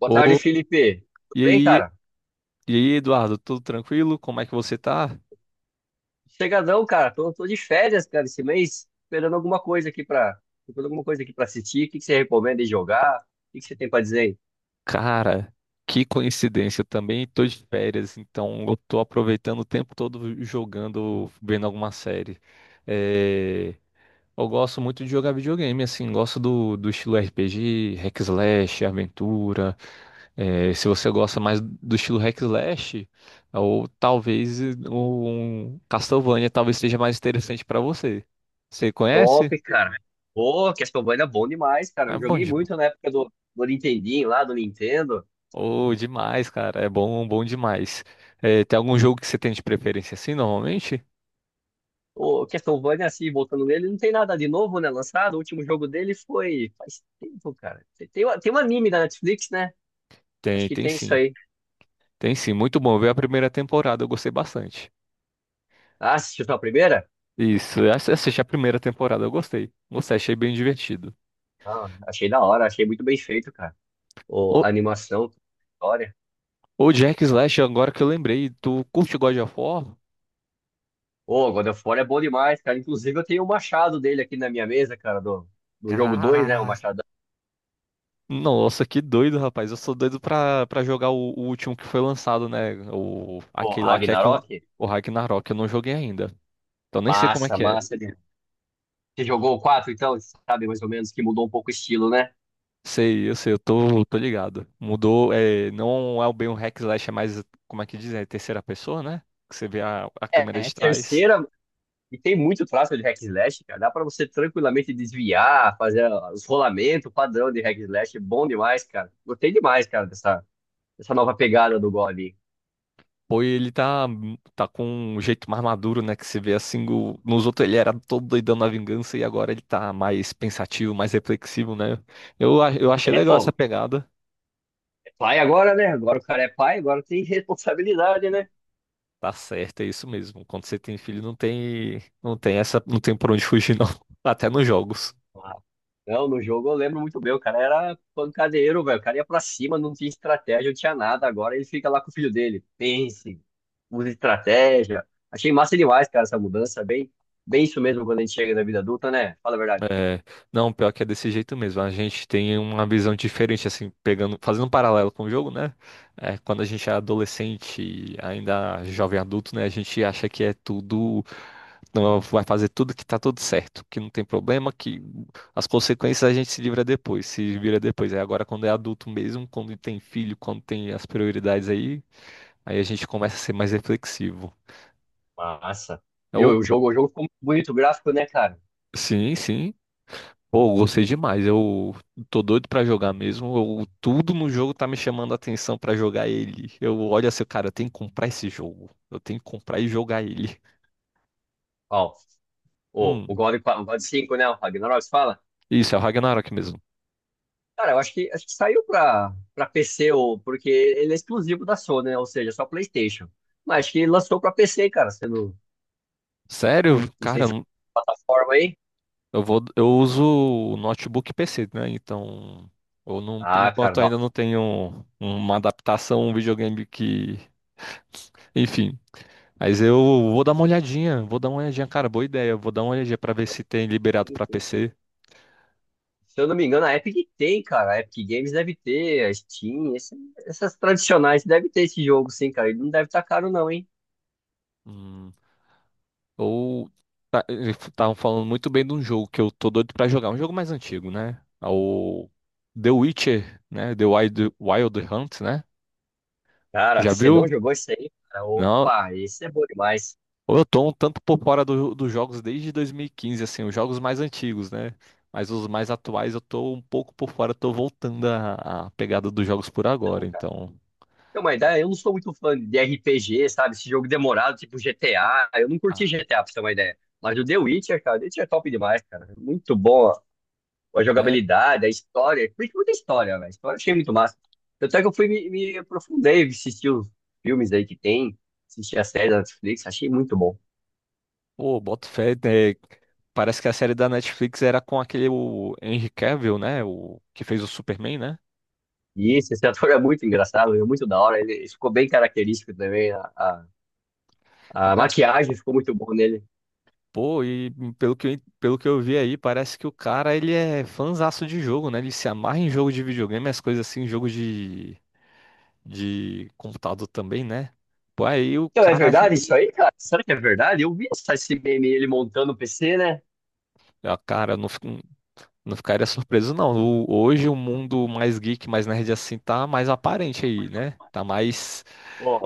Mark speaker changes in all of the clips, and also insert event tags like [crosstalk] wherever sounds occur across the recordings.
Speaker 1: Boa tarde,
Speaker 2: Ô,
Speaker 1: Felipe. Tudo
Speaker 2: e
Speaker 1: bem,
Speaker 2: aí,
Speaker 1: cara?
Speaker 2: e aí, Eduardo, tudo tranquilo? Como é que você tá?
Speaker 1: Chegadão, cara. Tô de férias, cara, esse mês. Esperando alguma coisa aqui pra assistir. O que você recomenda de jogar? O que você tem pra dizer aí?
Speaker 2: Cara, que coincidência, eu também tô de férias, então eu tô aproveitando o tempo todo jogando, vendo alguma série. É, Eu gosto muito de jogar videogame, assim, gosto do estilo RPG, hack slash, aventura. Se você gosta mais do estilo hack slash, ou talvez um Castlevania talvez seja mais interessante pra você. Você
Speaker 1: Top,
Speaker 2: conhece?
Speaker 1: cara. Pô, Castlevania é bom demais, cara.
Speaker 2: É
Speaker 1: Eu
Speaker 2: bom
Speaker 1: joguei
Speaker 2: demais.
Speaker 1: muito na época do Nintendinho lá, do Nintendo.
Speaker 2: Oh, demais, cara. É bom, bom demais. Tem algum jogo que você tem de preferência assim, normalmente?
Speaker 1: O Castlevania, assim, voltando nele, não tem nada de novo, né? Lançado. O último jogo dele foi faz tempo, cara. Tem um anime da Netflix, né? Acho
Speaker 2: Tem,
Speaker 1: que
Speaker 2: tem
Speaker 1: tem isso
Speaker 2: sim.
Speaker 1: aí.
Speaker 2: Tem sim. Muito bom. Eu vi a primeira temporada, eu gostei bastante.
Speaker 1: Ah, assistiu só a primeira?
Speaker 2: Isso, assisti a primeira temporada, eu gostei. Gostei, achei bem divertido.
Speaker 1: Ah, achei da hora, achei muito bem feito, cara. Ou
Speaker 2: Ô,
Speaker 1: animação, história.
Speaker 2: ô Jack Slash, agora que eu lembrei, tu curte God of War?
Speaker 1: Ô, God of War é bom demais, cara. Inclusive, eu tenho o machado dele aqui na minha mesa, cara, do, do jogo dois, né? O
Speaker 2: Caraca.
Speaker 1: machado,
Speaker 2: Nossa, que doido, rapaz. Eu sou doido pra jogar o último que foi lançado, né? O,
Speaker 1: pô,
Speaker 2: aquele lá que é com
Speaker 1: Ragnarok.
Speaker 2: o Ragnarok, eu não joguei ainda. Então nem sei como é
Speaker 1: Massa,
Speaker 2: que é.
Speaker 1: massa. Ele... Você jogou o 4, então, você sabe mais ou menos que mudou um pouco o estilo, né?
Speaker 2: Sei, eu sei, eu tô ligado. Mudou, é, não é bem um hack slash, é mais, como é que diz, é terceira pessoa, né? Que você vê a
Speaker 1: É,
Speaker 2: câmera
Speaker 1: é
Speaker 2: de trás.
Speaker 1: terceira, e tem muito traço de hack and slash, cara. Dá pra você tranquilamente desviar, fazer os rolamentos padrão de hack and slash. Bom demais, cara. Gostei demais, cara, dessa nova pegada do God.
Speaker 2: Pô, e ele tá com um jeito mais maduro, né? Que você vê assim, nos outros ele era todo doidão na vingança e agora ele tá mais pensativo, mais reflexivo, né? Eu achei
Speaker 1: É,
Speaker 2: legal essa
Speaker 1: pô,
Speaker 2: pegada.
Speaker 1: é pai agora, né? Agora o cara é pai, agora tem [laughs] responsabilidade, né?
Speaker 2: Tá certo, é isso mesmo. Quando você tem filho, não tem essa, não tem por onde fugir, não. [laughs] Até nos jogos.
Speaker 1: Ah, não, no jogo eu lembro muito bem, o cara era pancadeiro, velho. O cara ia pra cima, não tinha estratégia, não tinha nada. Agora ele fica lá com o filho dele. Pense, use estratégia. Achei massa demais, cara, essa mudança. Bem isso mesmo quando a gente chega na vida adulta, né? Fala a verdade.
Speaker 2: É, não, pior que é desse jeito mesmo. A gente tem uma visão diferente, assim, pegando, fazendo um paralelo com o jogo, né? Quando a gente é adolescente, e ainda jovem adulto, né? A gente acha que é tudo, não, vai fazer tudo que tá tudo certo, que não tem problema, que as consequências a gente se livra depois, se vira depois. É agora quando é adulto mesmo, quando tem filho, quando tem as prioridades aí, aí a gente começa a ser mais reflexivo.
Speaker 1: Massa. Viu?
Speaker 2: Ou,
Speaker 1: O jogo ficou muito bonito, o gráfico, né, cara?
Speaker 2: sim, sim. Pô, eu gostei demais. Eu tô doido pra jogar mesmo. Tudo no jogo tá me chamando a atenção pra jogar ele. Eu olho assim, cara, eu tenho que comprar esse jogo. Eu tenho que comprar e jogar ele.
Speaker 1: Ó, o
Speaker 2: Hum,
Speaker 1: God, qua- o God 5, né? O Ragnarok, você fala?
Speaker 2: isso, é o Ragnarok mesmo.
Speaker 1: Cara, eu acho que saiu pra PC, ou, porque ele é exclusivo da Sony, né? Ou seja, só PlayStation. Mas acho que lançou pra PC, cara, sendo.
Speaker 2: Sério?
Speaker 1: Não sei
Speaker 2: Cara,
Speaker 1: se é plataforma aí.
Speaker 2: eu uso notebook e PC, né? Então, eu não, por
Speaker 1: Ah, cara,
Speaker 2: enquanto
Speaker 1: dá.
Speaker 2: ainda não tenho uma adaptação, um videogame que, enfim. Mas eu vou dar uma olhadinha, vou dar uma olhadinha, cara, boa ideia. Eu vou dar uma olhadinha pra ver se tem liberado pra PC.
Speaker 1: Se eu não me engano, a Epic tem, cara. A Epic Games deve ter, a Steam, esse- essas tradicionais deve ter esse jogo, sim, cara. Ele não deve estar caro, não, hein?
Speaker 2: Hum. Ou eles estavam falando muito bem de um jogo que eu tô doido pra jogar, um jogo mais antigo, né? É o The Witcher, né? The Wild, Wild Hunt, né?
Speaker 1: Cara,
Speaker 2: Já
Speaker 1: você não
Speaker 2: viu?
Speaker 1: jogou isso aí, cara?
Speaker 2: Não.
Speaker 1: Opa, esse é bom demais.
Speaker 2: Ou eu tô um tanto por fora dos jogos desde 2015 assim, os jogos mais antigos, né? Mas os mais atuais eu tô um pouco por fora, tô voltando à pegada dos jogos por
Speaker 1: Então,
Speaker 2: agora,
Speaker 1: cara.
Speaker 2: então.
Speaker 1: Então, uma ideia, eu não sou muito fã de RPG, sabe? Esse jogo demorado, tipo GTA. Eu não curti
Speaker 2: Ah,
Speaker 1: GTA, pra você ter uma ideia. Mas o The Witcher, cara, The Witcher é top demais, cara. Muito bom a
Speaker 2: é.
Speaker 1: jogabilidade, a história. Curti muita história, velho. A história eu achei muito massa. Tanto é que eu fui me aprofundei, assisti os filmes aí que tem, assisti a série da Netflix, achei muito bom.
Speaker 2: Pô, boto fé, né? Parece que a série da Netflix era com aquele o Henry Cavill, né? O que fez o Superman, né?
Speaker 1: E esse ator é muito engraçado, é muito da hora. Ele ficou bem característico também. A, a maquiagem ficou muito boa nele.
Speaker 2: Pô, e pelo que eu, pelo que eu vi aí, parece que o cara, ele é fanzaço de jogo, né? Ele se amarra em jogo de videogame, as coisas assim, jogo de computador também, né? Pô, aí o
Speaker 1: Então, é
Speaker 2: cara,
Speaker 1: verdade isso aí, cara? Será que é verdade? Eu vi essa- esse meme ele montando o PC, né?
Speaker 2: ah, cara, eu não, fi- não ficaria surpreso, não. Hoje o mundo mais geek, mais nerd assim, tá mais aparente aí, né? Tá mais,
Speaker 1: Pô,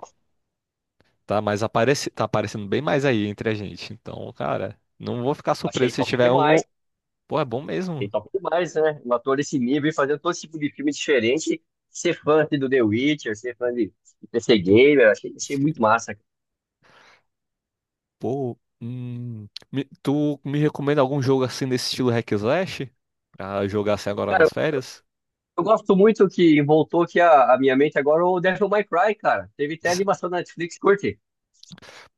Speaker 2: tá mais apareci, tá aparecendo bem mais aí entre a gente. Então, cara, não vou ficar
Speaker 1: achei
Speaker 2: surpreso se
Speaker 1: top
Speaker 2: tiver um...
Speaker 1: demais.
Speaker 2: Pô, é bom mesmo.
Speaker 1: Ele top demais, né? Um ator desse nível e fazendo todo tipo de filme diferente. Ser fã assim, do The Witcher, ser fã de PC Gamer, achei, achei muito massa.
Speaker 2: Pô, tu me recomenda algum jogo assim nesse estilo hack and slash? Pra jogar assim agora
Speaker 1: Cara,
Speaker 2: nas férias?
Speaker 1: eu gosto muito que voltou aqui a minha mente agora o Devil May Cry, cara. Teve até
Speaker 2: [laughs] S-
Speaker 1: animação da Netflix, curte.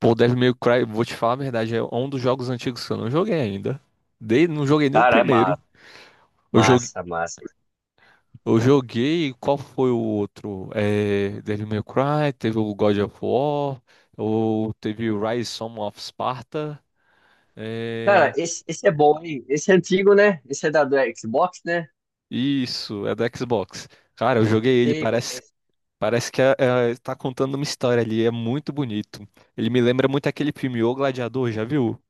Speaker 2: Pô, Devil May Cry, vou te falar a verdade, é um dos jogos antigos que eu não joguei ainda. Não joguei nem o
Speaker 1: Cara, é
Speaker 2: primeiro.
Speaker 1: massa,
Speaker 2: Eu joguei,
Speaker 1: massa, massa.
Speaker 2: eu joguei, qual foi o outro? Devil May Cry, teve o God of War, ou teve o Rise Son of Sparta.
Speaker 1: Cara,
Speaker 2: É,
Speaker 1: esse é bom, hein? Esse é antigo, né? Esse é da do Xbox, né?
Speaker 2: isso, é do Xbox. Cara, eu joguei ele.
Speaker 1: Sei qual que é esse.
Speaker 2: Parece que está contando uma história ali, é muito bonito. Ele me lembra muito aquele filme O Gladiador, já viu?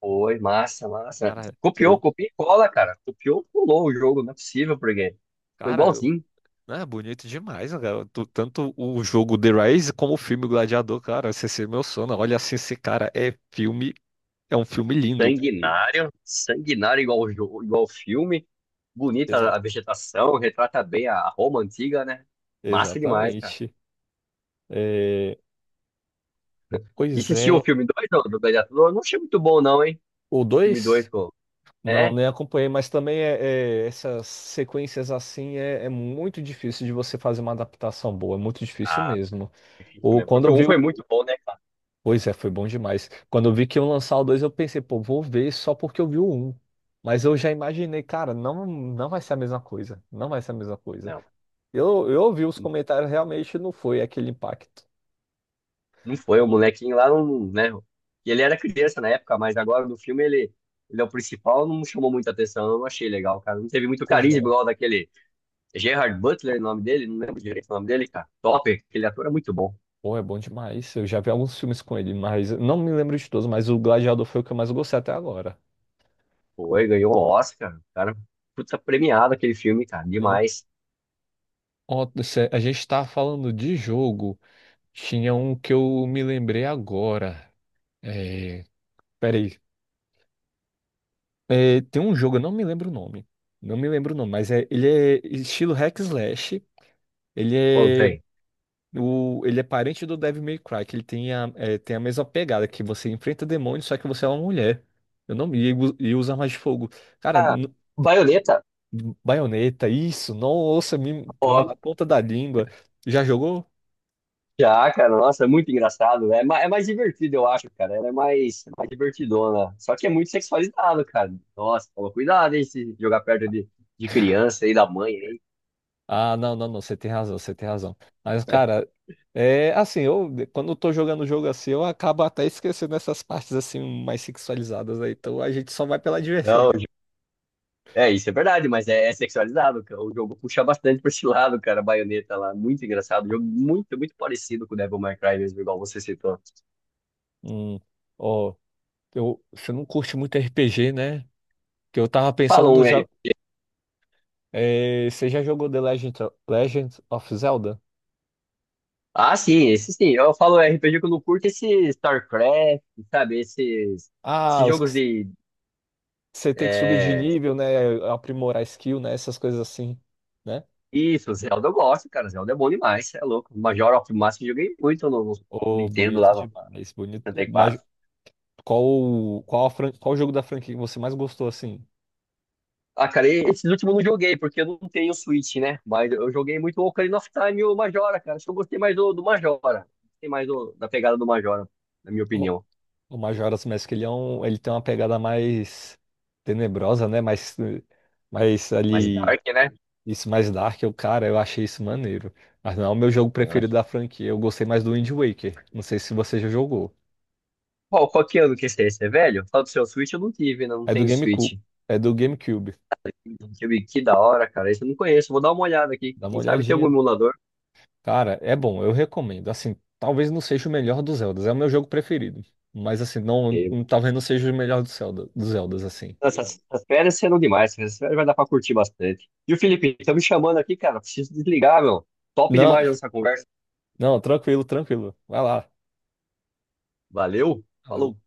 Speaker 1: Foi, massa, massa.
Speaker 2: Cara,
Speaker 1: Copiou,
Speaker 2: boni...
Speaker 1: copia e cola, cara. Copiou, pulou o jogo, não é possível, porque ficou
Speaker 2: cara, eu-
Speaker 1: igualzinho.
Speaker 2: é bonito demais, né, cara. Tanto o jogo The Rise como o filme O Gladiador, cara, esse é meu sono. Olha assim, esse cara é filme, é um filme lindo.
Speaker 1: Sanguinário, sanguinário igual o jo- igual o filme. Bonita a
Speaker 2: Exato,
Speaker 1: vegetação, retrata bem a Roma antiga, né? Massa demais, cara.
Speaker 2: exatamente. É,
Speaker 1: E
Speaker 2: Pois
Speaker 1: você assistiu o
Speaker 2: é,
Speaker 1: filme 2, do, do Gladiador? Não achei muito bom, não, hein?
Speaker 2: o
Speaker 1: Filme
Speaker 2: dois
Speaker 1: dois, pô.
Speaker 2: não,
Speaker 1: É?
Speaker 2: nem acompanhei, mas também essas sequências assim é muito difícil de você fazer uma adaptação boa, é muito difícil
Speaker 1: Ah,
Speaker 2: mesmo.
Speaker 1: isso
Speaker 2: Ou
Speaker 1: mesmo.
Speaker 2: quando
Speaker 1: Porque
Speaker 2: eu
Speaker 1: o um
Speaker 2: vi o. um,
Speaker 1: foi muito bom, né, cara?
Speaker 2: Pois é, foi bom demais. Quando eu vi que iam lançar o 2 eu pensei, pô, vou ver só porque eu vi o 1. Mas eu já imaginei, cara, não, não vai ser a mesma coisa. Não vai ser a mesma coisa.
Speaker 1: Não,
Speaker 2: Eu ouvi os comentários, realmente não foi aquele impacto.
Speaker 1: não foi. O molequinho lá, não, né? Ele era criança na época, mas agora no filme ele, ele é o principal, não chamou muita atenção. Eu não achei legal, cara. Não teve muito
Speaker 2: Pois
Speaker 1: carisma
Speaker 2: é.
Speaker 1: igual daquele Gerard Butler, o nome dele. Não lembro direito o nome dele, cara. Top, aquele ator é muito bom.
Speaker 2: Pô, é bom demais. Eu já vi alguns filmes com ele, mas não me lembro de todos, mas o Gladiador foi o que eu mais gostei até agora.
Speaker 1: Foi, ganhou um Oscar, cara, puta premiado aquele filme, cara,
Speaker 2: Sim.
Speaker 1: demais.
Speaker 2: Ó, a gente tá falando de jogo. Tinha um que eu me lembrei agora. É... Peraí, tem um jogo, eu não me lembro o nome. Não me lembro o nome, mas ele é estilo hack slash. Ele é,
Speaker 1: Contei.
Speaker 2: ele é parente do Devil May Cry, que ele tem tem a mesma pegada, que você enfrenta demônios, só que você é uma mulher. Eu não me ligo e usa armas de fogo. Cara,
Speaker 1: Ah, Baioneta,
Speaker 2: baioneta, isso, nossa, tava
Speaker 1: ó,
Speaker 2: na ponta da língua. Já jogou?
Speaker 1: já, cara, nossa, é muito engraçado, né? É ma- é mais divertido, eu acho, cara, ela é mais divertidona, só que é muito sexualizado, cara. Nossa, toma cuidado, hein, se jogar perto de criança e da mãe, hein?
Speaker 2: Ah, não, não, não, você tem razão, você tem razão. Mas, cara, é assim, eu quando eu tô jogando o jogo assim, eu acabo até esquecendo essas partes assim mais sexualizadas aí. Então a gente só vai pela diversão
Speaker 1: Não,
Speaker 2: mesmo.
Speaker 1: é, isso é verdade, mas é, é sexualizado, cara. O jogo puxa bastante pra esse lado, cara, a Baioneta lá, muito engraçado, jogo muito, muito parecido com o Devil May Cry mesmo, igual você citou.
Speaker 2: Hum, ó, você não curte muito RPG, né? Que eu tava
Speaker 1: Fala
Speaker 2: pensando no
Speaker 1: um
Speaker 2: jogo. Você já jogou Legend of Zelda?
Speaker 1: ah, sim, esse sim. Eu falo RPG que eu não curto esse StarCraft, sabe? Esses,
Speaker 2: Ah,
Speaker 1: esses
Speaker 2: os que
Speaker 1: jogos de.
Speaker 2: você tem que subir de
Speaker 1: É...
Speaker 2: nível, né? Aprimorar skill, né? Essas coisas assim, né?
Speaker 1: Isso, Zelda eu gosto, cara. Zelda é bom demais, cê é louco. Majora of Mask eu joguei muito no
Speaker 2: Ô,
Speaker 1: Nintendo
Speaker 2: bonito
Speaker 1: lá, no
Speaker 2: demais, bonito. Uma
Speaker 1: 64.
Speaker 2: Qual, qual, a fran- Qual o jogo da franquia que você mais gostou, assim?
Speaker 1: Ah, cara, e esses últimos eu não joguei, porque eu não tenho Switch, né? Mas eu joguei muito o Ocarina of Time e o Majora, cara. Acho que eu gostei mais do Majora. Gostei mais do- da pegada do Majora, na minha
Speaker 2: O,
Speaker 1: opinião.
Speaker 2: o Majora's Mask, ele tem uma pegada mais tenebrosa, né? Mais, eh, mais
Speaker 1: Mas
Speaker 2: ali,
Speaker 1: Dark, né?
Speaker 2: isso mais dark. Cara, eu achei isso maneiro. Mas não é o meu jogo preferido da franquia. Eu gostei mais do Wind Waker. Não sei se você já jogou.
Speaker 1: Qual que ano que esse é? Esse é velho? Fala do seu Switch, eu não tive, né? Não
Speaker 2: É do
Speaker 1: tenho Switch.
Speaker 2: GameCube. É do GameCube.
Speaker 1: Deixa eu ver, que da hora, cara. Isso eu não conheço. Vou dar uma olhada aqui.
Speaker 2: Dá uma
Speaker 1: Quem sabe tem algum
Speaker 2: olhadinha.
Speaker 1: emulador.
Speaker 2: Cara, é bom, eu recomendo. Assim, talvez não seja o melhor dos Zeldas. É o meu jogo preferido. Mas assim, não,
Speaker 1: Porque
Speaker 2: talvez não seja o melhor do Zelda, dos Zeldas, assim.
Speaker 1: essas férias serão demais. Essas férias vai dar pra curtir bastante. E o Felipe, tá me chamando aqui, cara. Preciso desligar, meu. Top
Speaker 2: Não,
Speaker 1: demais essa conversa.
Speaker 2: não, tranquilo, tranquilo. Vai lá.
Speaker 1: Valeu.
Speaker 2: Valeu.
Speaker 1: Falou.